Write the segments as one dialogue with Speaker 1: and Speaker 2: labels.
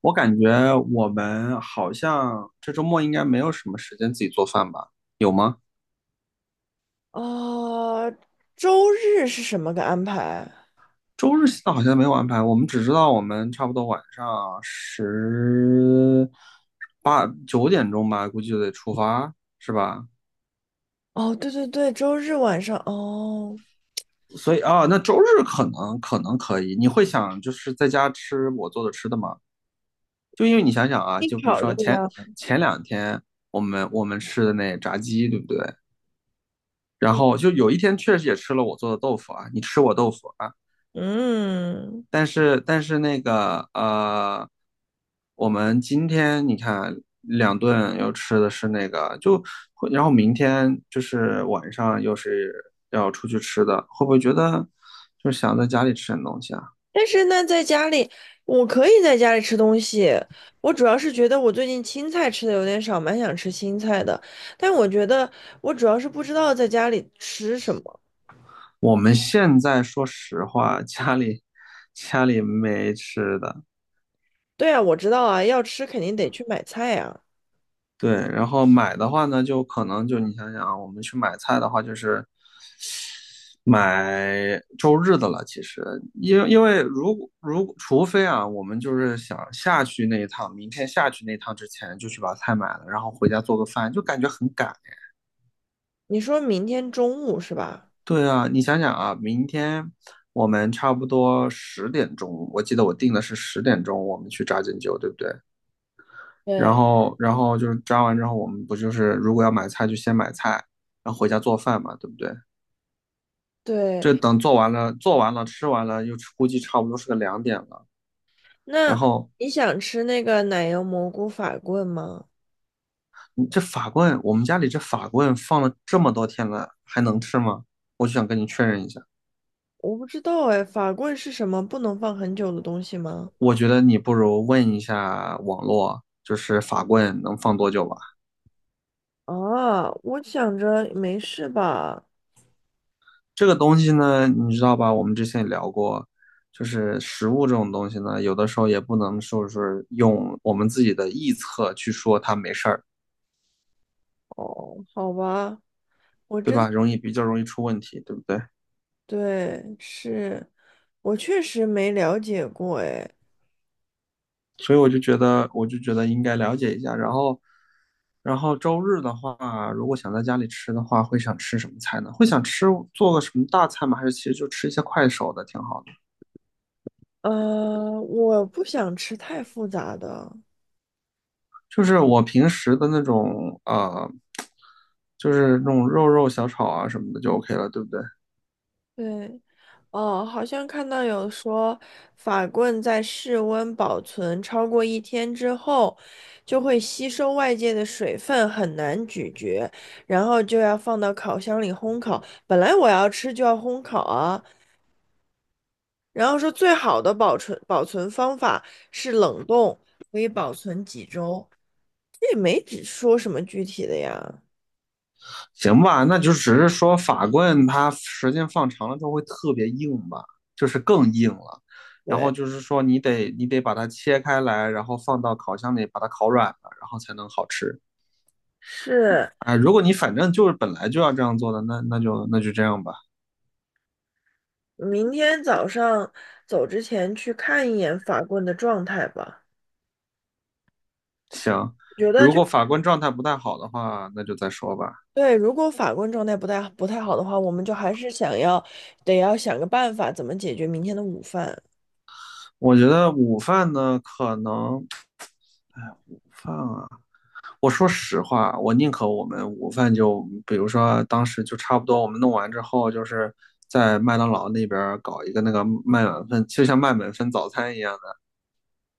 Speaker 1: 我感觉我们好像这周末应该没有什么时间自己做饭吧？有吗？
Speaker 2: 哦，周日是什么个安排？
Speaker 1: 周日现在好像没有安排，我们只知道我们差不多晚上十8、9点钟吧，估计就得出发，是吧？
Speaker 2: 哦，对对对，周日晚上哦，
Speaker 1: 所以啊，那周日可能可以，你会想就是在家吃我做的吃的吗？就因为你想想啊，
Speaker 2: 你
Speaker 1: 就比如
Speaker 2: 考虑
Speaker 1: 说前
Speaker 2: 呀。
Speaker 1: 前两天我们吃的那炸鸡，对不对？然
Speaker 2: 嗯
Speaker 1: 后就有一天确实也吃了我做的豆腐啊，你吃我豆腐啊，
Speaker 2: 嗯，
Speaker 1: 但是那个我们今天你看两顿又吃的是那个，就会然后明天就是晚上又是要出去吃的，会不会觉得就想在家里吃点东西啊？
Speaker 2: 但是那在家里，我可以在家里吃东西。我主要是觉得我最近青菜吃的有点少，蛮想吃青菜的。但我觉得我主要是不知道在家里吃什么。
Speaker 1: 我们现在说实话，家里没吃的，
Speaker 2: 对啊，我知道啊，要吃肯定得去买菜啊。
Speaker 1: 对，然后买的话呢，就可能就你想想啊，我们去买菜的话，就是买周日的了，其实，因为如果除非啊，我们就是想下去那一趟，明天下去那一趟之前就去把菜买了，然后回家做个饭，就感觉很赶。
Speaker 2: 你说明天中午是吧？
Speaker 1: 对啊，你想想啊，明天我们差不多十点钟，我记得我定的是十点钟，我们去扎针灸，对不对？然
Speaker 2: 对
Speaker 1: 后然后就是扎完之后，我们不就是如果要买菜就先买菜，然后回家做饭嘛，对不对？
Speaker 2: 对。
Speaker 1: 这等做完了，做完了，吃完了，又估计差不多是个2点了。然
Speaker 2: 那
Speaker 1: 后
Speaker 2: 你想吃那个奶油蘑菇法棍吗？
Speaker 1: 这法棍，我们家里这法棍放了这么多天了，还能吃吗？我就想跟你确认一下。
Speaker 2: 我不知道哎，法棍是什么不能放很久的东西吗？
Speaker 1: 我觉得你不如问一下网络，就是法棍能放多久吧？
Speaker 2: 啊，我想着没事吧。
Speaker 1: 这个东西呢，你知道吧？我们之前也聊过，就是食物这种东西呢，有的时候也不能说是用我们自己的臆测去说它没事儿，
Speaker 2: 哦，好吧，我
Speaker 1: 对
Speaker 2: 真，
Speaker 1: 吧？容易比较容易出问题，对不对？
Speaker 2: 对，是，我确实没了解过哎。
Speaker 1: 所以我就觉得，我就觉得应该了解一下。然后周日的话，如果想在家里吃的话，会想吃什么菜呢？会想吃做个什么大菜吗？还是其实就吃一些快手的挺好的？
Speaker 2: 我不想吃太复杂的，
Speaker 1: 就是我平时的那种就是那种肉肉小炒啊什么的就 OK 了，对不对？
Speaker 2: 对。哦，好像看到有说，法棍在室温保存超过一天之后，就会吸收外界的水分，很难咀嚼，然后就要放到烤箱里烘烤。本来我要吃就要烘烤啊，然后说最好的保存方法是冷冻，可以保存几周，这也没只说什么具体的呀。
Speaker 1: 行吧，那就只是说法棍它时间放长了之后会特别硬吧，就是更硬了。然后
Speaker 2: 对，
Speaker 1: 就是说你得把它切开来，然后放到烤箱里把它烤软了，然后才能好吃。
Speaker 2: 是。
Speaker 1: 啊，如果你反正就是本来就要这样做的，那就这样吧。
Speaker 2: 明天早上走之前去看一眼法棍的状态吧。
Speaker 1: 行，
Speaker 2: 觉得
Speaker 1: 如
Speaker 2: 就
Speaker 1: 果法官状态不太好的话，那就再说吧。
Speaker 2: 对，如果法棍状态不太好的话，我们就还是想要得要想个办法，怎么解决明天的午饭。
Speaker 1: 我觉得午饭呢，可能，哎，午饭啊，我说实话，我宁可我们午饭就，比如说当时就差不多，我们弄完之后，就是在麦当劳那边搞一个那个麦满分，就像麦满分早餐一样。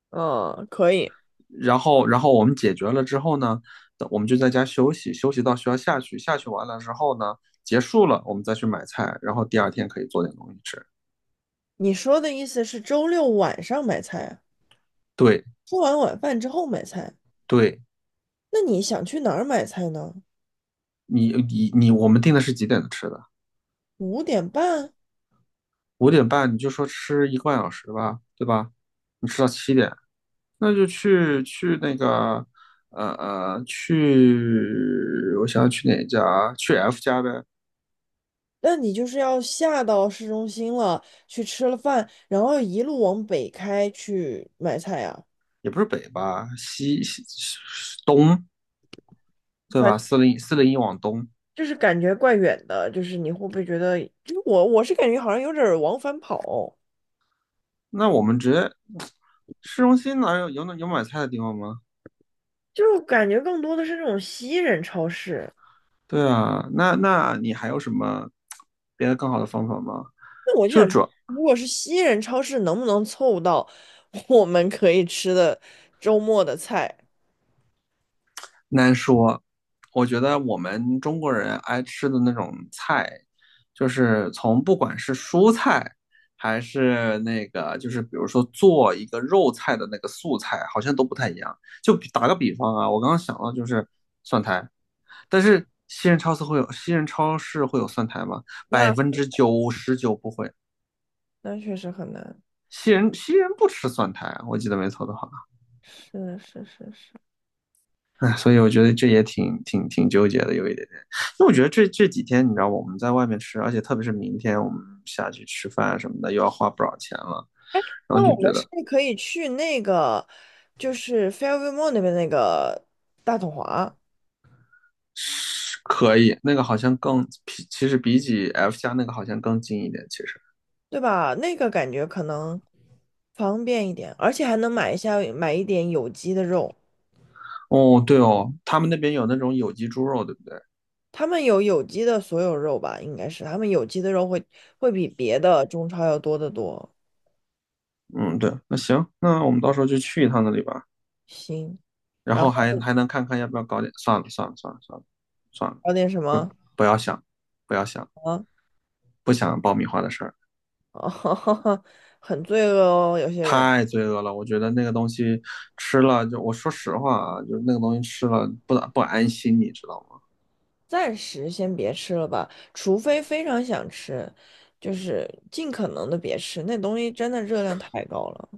Speaker 2: 嗯，可以。
Speaker 1: 然后，然后我们解决了之后呢，我们就在家休息，休息到学校下去，下去完了之后呢，结束了，我们再去买菜，然后第二天可以做点东西吃。
Speaker 2: 你说的意思是周六晚上买菜啊，
Speaker 1: 对，
Speaker 2: 吃完晚饭之后买菜。
Speaker 1: 对，
Speaker 2: 那你想去哪儿买菜呢？
Speaker 1: 你，我们定的是几点吃的？
Speaker 2: 五点半？
Speaker 1: 5点半，你就说吃1个半小时吧，对吧？你吃到7点，那就去那个，去，我想想去哪家？去 F 家呗，
Speaker 2: 那你就是要下到市中心了，去吃了饭，然后一路往北开去买菜啊。
Speaker 1: 也不是北吧，西东，对吧？40401往东。
Speaker 2: 就是感觉怪远的，就是你会不会觉得，就是我是感觉好像有点儿往返跑，
Speaker 1: 那我们直接市中心哪有买菜的地方吗？
Speaker 2: 就是感觉更多的是那种西人超市。
Speaker 1: 对啊，那那你还有什么别的更好的方法吗？
Speaker 2: 那我就
Speaker 1: 就
Speaker 2: 想，
Speaker 1: 是主
Speaker 2: 如果是西人超市，能不能凑到 我们可以吃的周末的菜？
Speaker 1: 难说，我觉得我们中国人爱吃的那种菜，就是从不管是蔬菜还是那个，就是比如说做一个肉菜的那个素菜，好像都不太一样。就比打个比方啊，我刚刚想到就是蒜苔，但是西人超市会有蒜苔吗？百分
Speaker 2: 那
Speaker 1: 之九十九不会。
Speaker 2: 那确实很难。
Speaker 1: 西人不吃蒜苔，我记得没错的话，
Speaker 2: 是的是是是。
Speaker 1: 哎，所以我觉得这也挺纠结的，有一点点。因为我觉得这几天，你知道我们在外面吃，而且特别是明天我们下去吃饭什么的，又要花不少钱了，然后
Speaker 2: 那
Speaker 1: 就
Speaker 2: 我
Speaker 1: 觉
Speaker 2: 们是
Speaker 1: 得
Speaker 2: 不是可以去那个，就是 Fairview Mall 那边那个大统华？
Speaker 1: 可以，那个好像更，其实比起 F 家那个好像更近一点。其实，
Speaker 2: 对吧？那个感觉可能方便一点，而且还能买一下买一点有机的肉。
Speaker 1: 哦，对哦，他们那边有那种有机猪肉，对不对？
Speaker 2: 他们有有机的所有肉吧，应该是他们有机的肉会比别的中超要多得多。
Speaker 1: 嗯，对，那行，那我们到时候就去一趟那里吧，
Speaker 2: 行，
Speaker 1: 然
Speaker 2: 然
Speaker 1: 后
Speaker 2: 后
Speaker 1: 还能看看要不要搞点，算了算了算了算了算了，
Speaker 2: 搞点什
Speaker 1: 不
Speaker 2: 么
Speaker 1: 不要想，不要想，
Speaker 2: 啊？
Speaker 1: 不想爆米花的事儿，
Speaker 2: 哦，很罪恶哦，有些人
Speaker 1: 太罪恶了。我觉得那个东西吃了就，我说实话啊，就那个东西吃了不安心，你知道吗？
Speaker 2: 暂时先别吃了吧，除非非常想吃，就是尽可能的别吃，那东西真的热量太高了。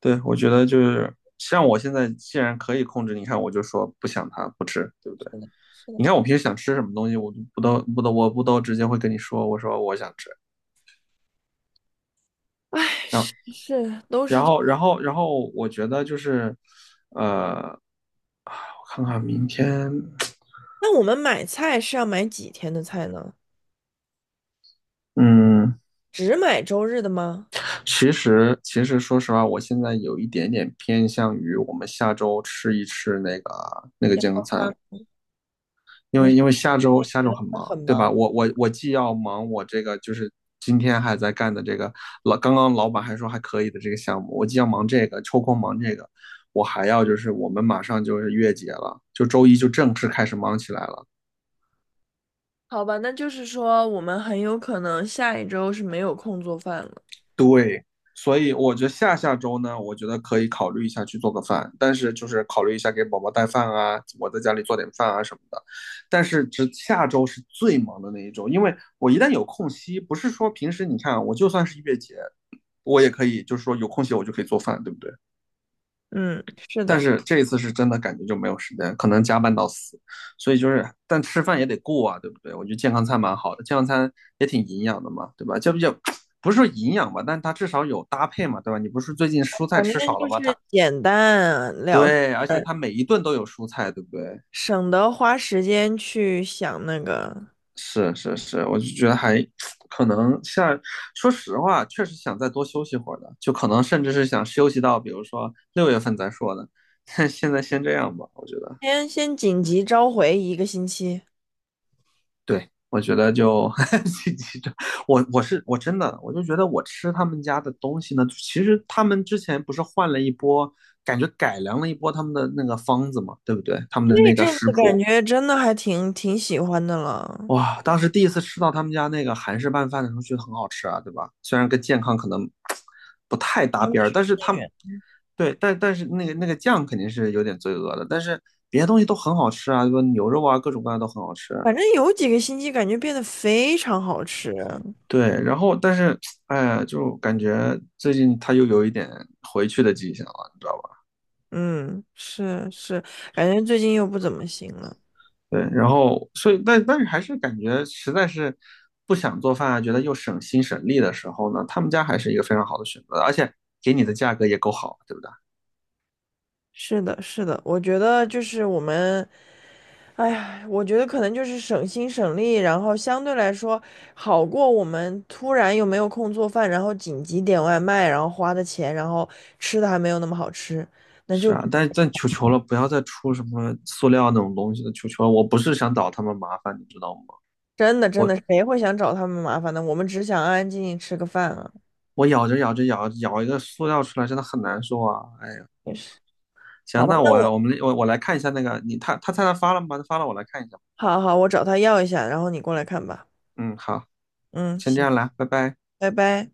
Speaker 1: 对，我觉得就是像我现在既然可以控制，你看我就说不想它不吃，对不对？
Speaker 2: 是的，是的，
Speaker 1: 你看我平时想吃什么东西，我就不都我不都直接会跟你说，我说我想吃。
Speaker 2: 唉，
Speaker 1: 然后
Speaker 2: 是是，都
Speaker 1: 然
Speaker 2: 是。
Speaker 1: 后，然后，然后，我觉得就是，呃，我看看明天，
Speaker 2: 那我们买菜是要买几天的菜呢？
Speaker 1: 嗯，
Speaker 2: 只买周日的吗？
Speaker 1: 其实，其实说实话，我现在有一点点偏向于我们下周吃一吃那个那个
Speaker 2: 这样，
Speaker 1: 健康餐，因
Speaker 2: 你
Speaker 1: 为
Speaker 2: 是
Speaker 1: 因为下
Speaker 2: 不
Speaker 1: 周
Speaker 2: 是
Speaker 1: 下
Speaker 2: 觉
Speaker 1: 周
Speaker 2: 得
Speaker 1: 很
Speaker 2: 会很
Speaker 1: 忙，对
Speaker 2: 忙？
Speaker 1: 吧？我既要忙我这个就是今天还在干的这个刚刚老板还说还可以的这个项目，我既要忙这个，抽空忙这个，我还要就是我们马上就是月结了，就周一就正式开始忙起来了。
Speaker 2: 好吧，那就是说我们很有可能下一周是没有空做饭了。
Speaker 1: 对，所以我觉得下下周呢，我觉得可以考虑一下去做个饭，但是就是考虑一下给宝宝带饭啊，我在家里做点饭啊什么的。但是只下周是最忙的那一周，因为我一旦有空隙，不是说平时你看啊我就算是一月节，我也可以就是说有空隙我就可以做饭，对不对？
Speaker 2: 嗯，是
Speaker 1: 但
Speaker 2: 的，
Speaker 1: 是这一次是真的感觉就没有时间，可能加班到死，所以就是，但吃饭也得过啊，对不对？我觉得健康餐蛮好的，健康餐也挺营养的嘛，对吧？就比较不是说营养吧，但它至少有搭配嘛，对吧？你不是最近蔬菜
Speaker 2: 反正
Speaker 1: 吃少了
Speaker 2: 就
Speaker 1: 吗？它
Speaker 2: 是简单了事
Speaker 1: 对，而且
Speaker 2: 儿，
Speaker 1: 它每一顿都有蔬菜，对不对？
Speaker 2: 省得花时间去想那个。
Speaker 1: 是是是，我就觉得还可能下，说实话，确实想再多休息会儿的，就可能甚至是想休息到，比如说6月份再说的，但现在先这样吧，我觉得。
Speaker 2: 先紧急召回一个星期，
Speaker 1: 对，我觉得就 我我是我真的我就觉得我吃他们家的东西呢，其实他们之前不是换了一波，感觉改良了一波他们的那个方子嘛，对不对？他们的
Speaker 2: 那
Speaker 1: 那个
Speaker 2: 阵
Speaker 1: 食
Speaker 2: 子感
Speaker 1: 谱，
Speaker 2: 觉真的还挺喜欢的了。
Speaker 1: 哇，当时第一次吃到他们家那个韩式拌饭的时候，觉得很好吃啊，对吧？虽然跟健康可能不太搭
Speaker 2: 想
Speaker 1: 边儿，
Speaker 2: 去
Speaker 1: 但
Speaker 2: 吃
Speaker 1: 是他们对，但是那个那个酱肯定是有点罪恶的，但是别的东西都很好吃啊，对吧？牛肉啊，各种各样都很好吃。
Speaker 2: 反正有几个星期感觉变得非常好吃。
Speaker 1: 对，然后但是，哎呀，就感觉最近他又有一点回去的迹象了，你知道吧？
Speaker 2: 嗯，是是，感觉最近又不怎么行了。
Speaker 1: 对，然后所以，但是还是感觉实在是不想做饭啊，觉得又省心省力的时候呢，他们家还是一个非常好的选择，而且给你的价格也够好，对不对？
Speaker 2: 是的，是的，我觉得就是我们，哎呀，我觉得可能就是省心省力，然后相对来说好过我们突然又没有空做饭，然后紧急点外卖，然后花的钱，然后吃的还没有那么好吃，那
Speaker 1: 是
Speaker 2: 就
Speaker 1: 啊，但求求了，不要再出什么塑料那种东西了，求求了，我不是想找他们麻烦，你知道吗？
Speaker 2: 真的真的谁会想找他们麻烦呢？我们只想安安静静吃个饭啊。
Speaker 1: 我咬着咬着一个塑料出来，真的很难受啊！哎呀，
Speaker 2: 也是，好
Speaker 1: 行，
Speaker 2: 吧，
Speaker 1: 那
Speaker 2: 那
Speaker 1: 我
Speaker 2: 我
Speaker 1: 我们我我来看一下那个你他菜单发了吗？发了，我来看一下。
Speaker 2: 好好，我找他要一下，然后你过来看吧。
Speaker 1: 嗯，好，
Speaker 2: 嗯，
Speaker 1: 先这
Speaker 2: 行，
Speaker 1: 样啦，拜拜。
Speaker 2: 拜拜。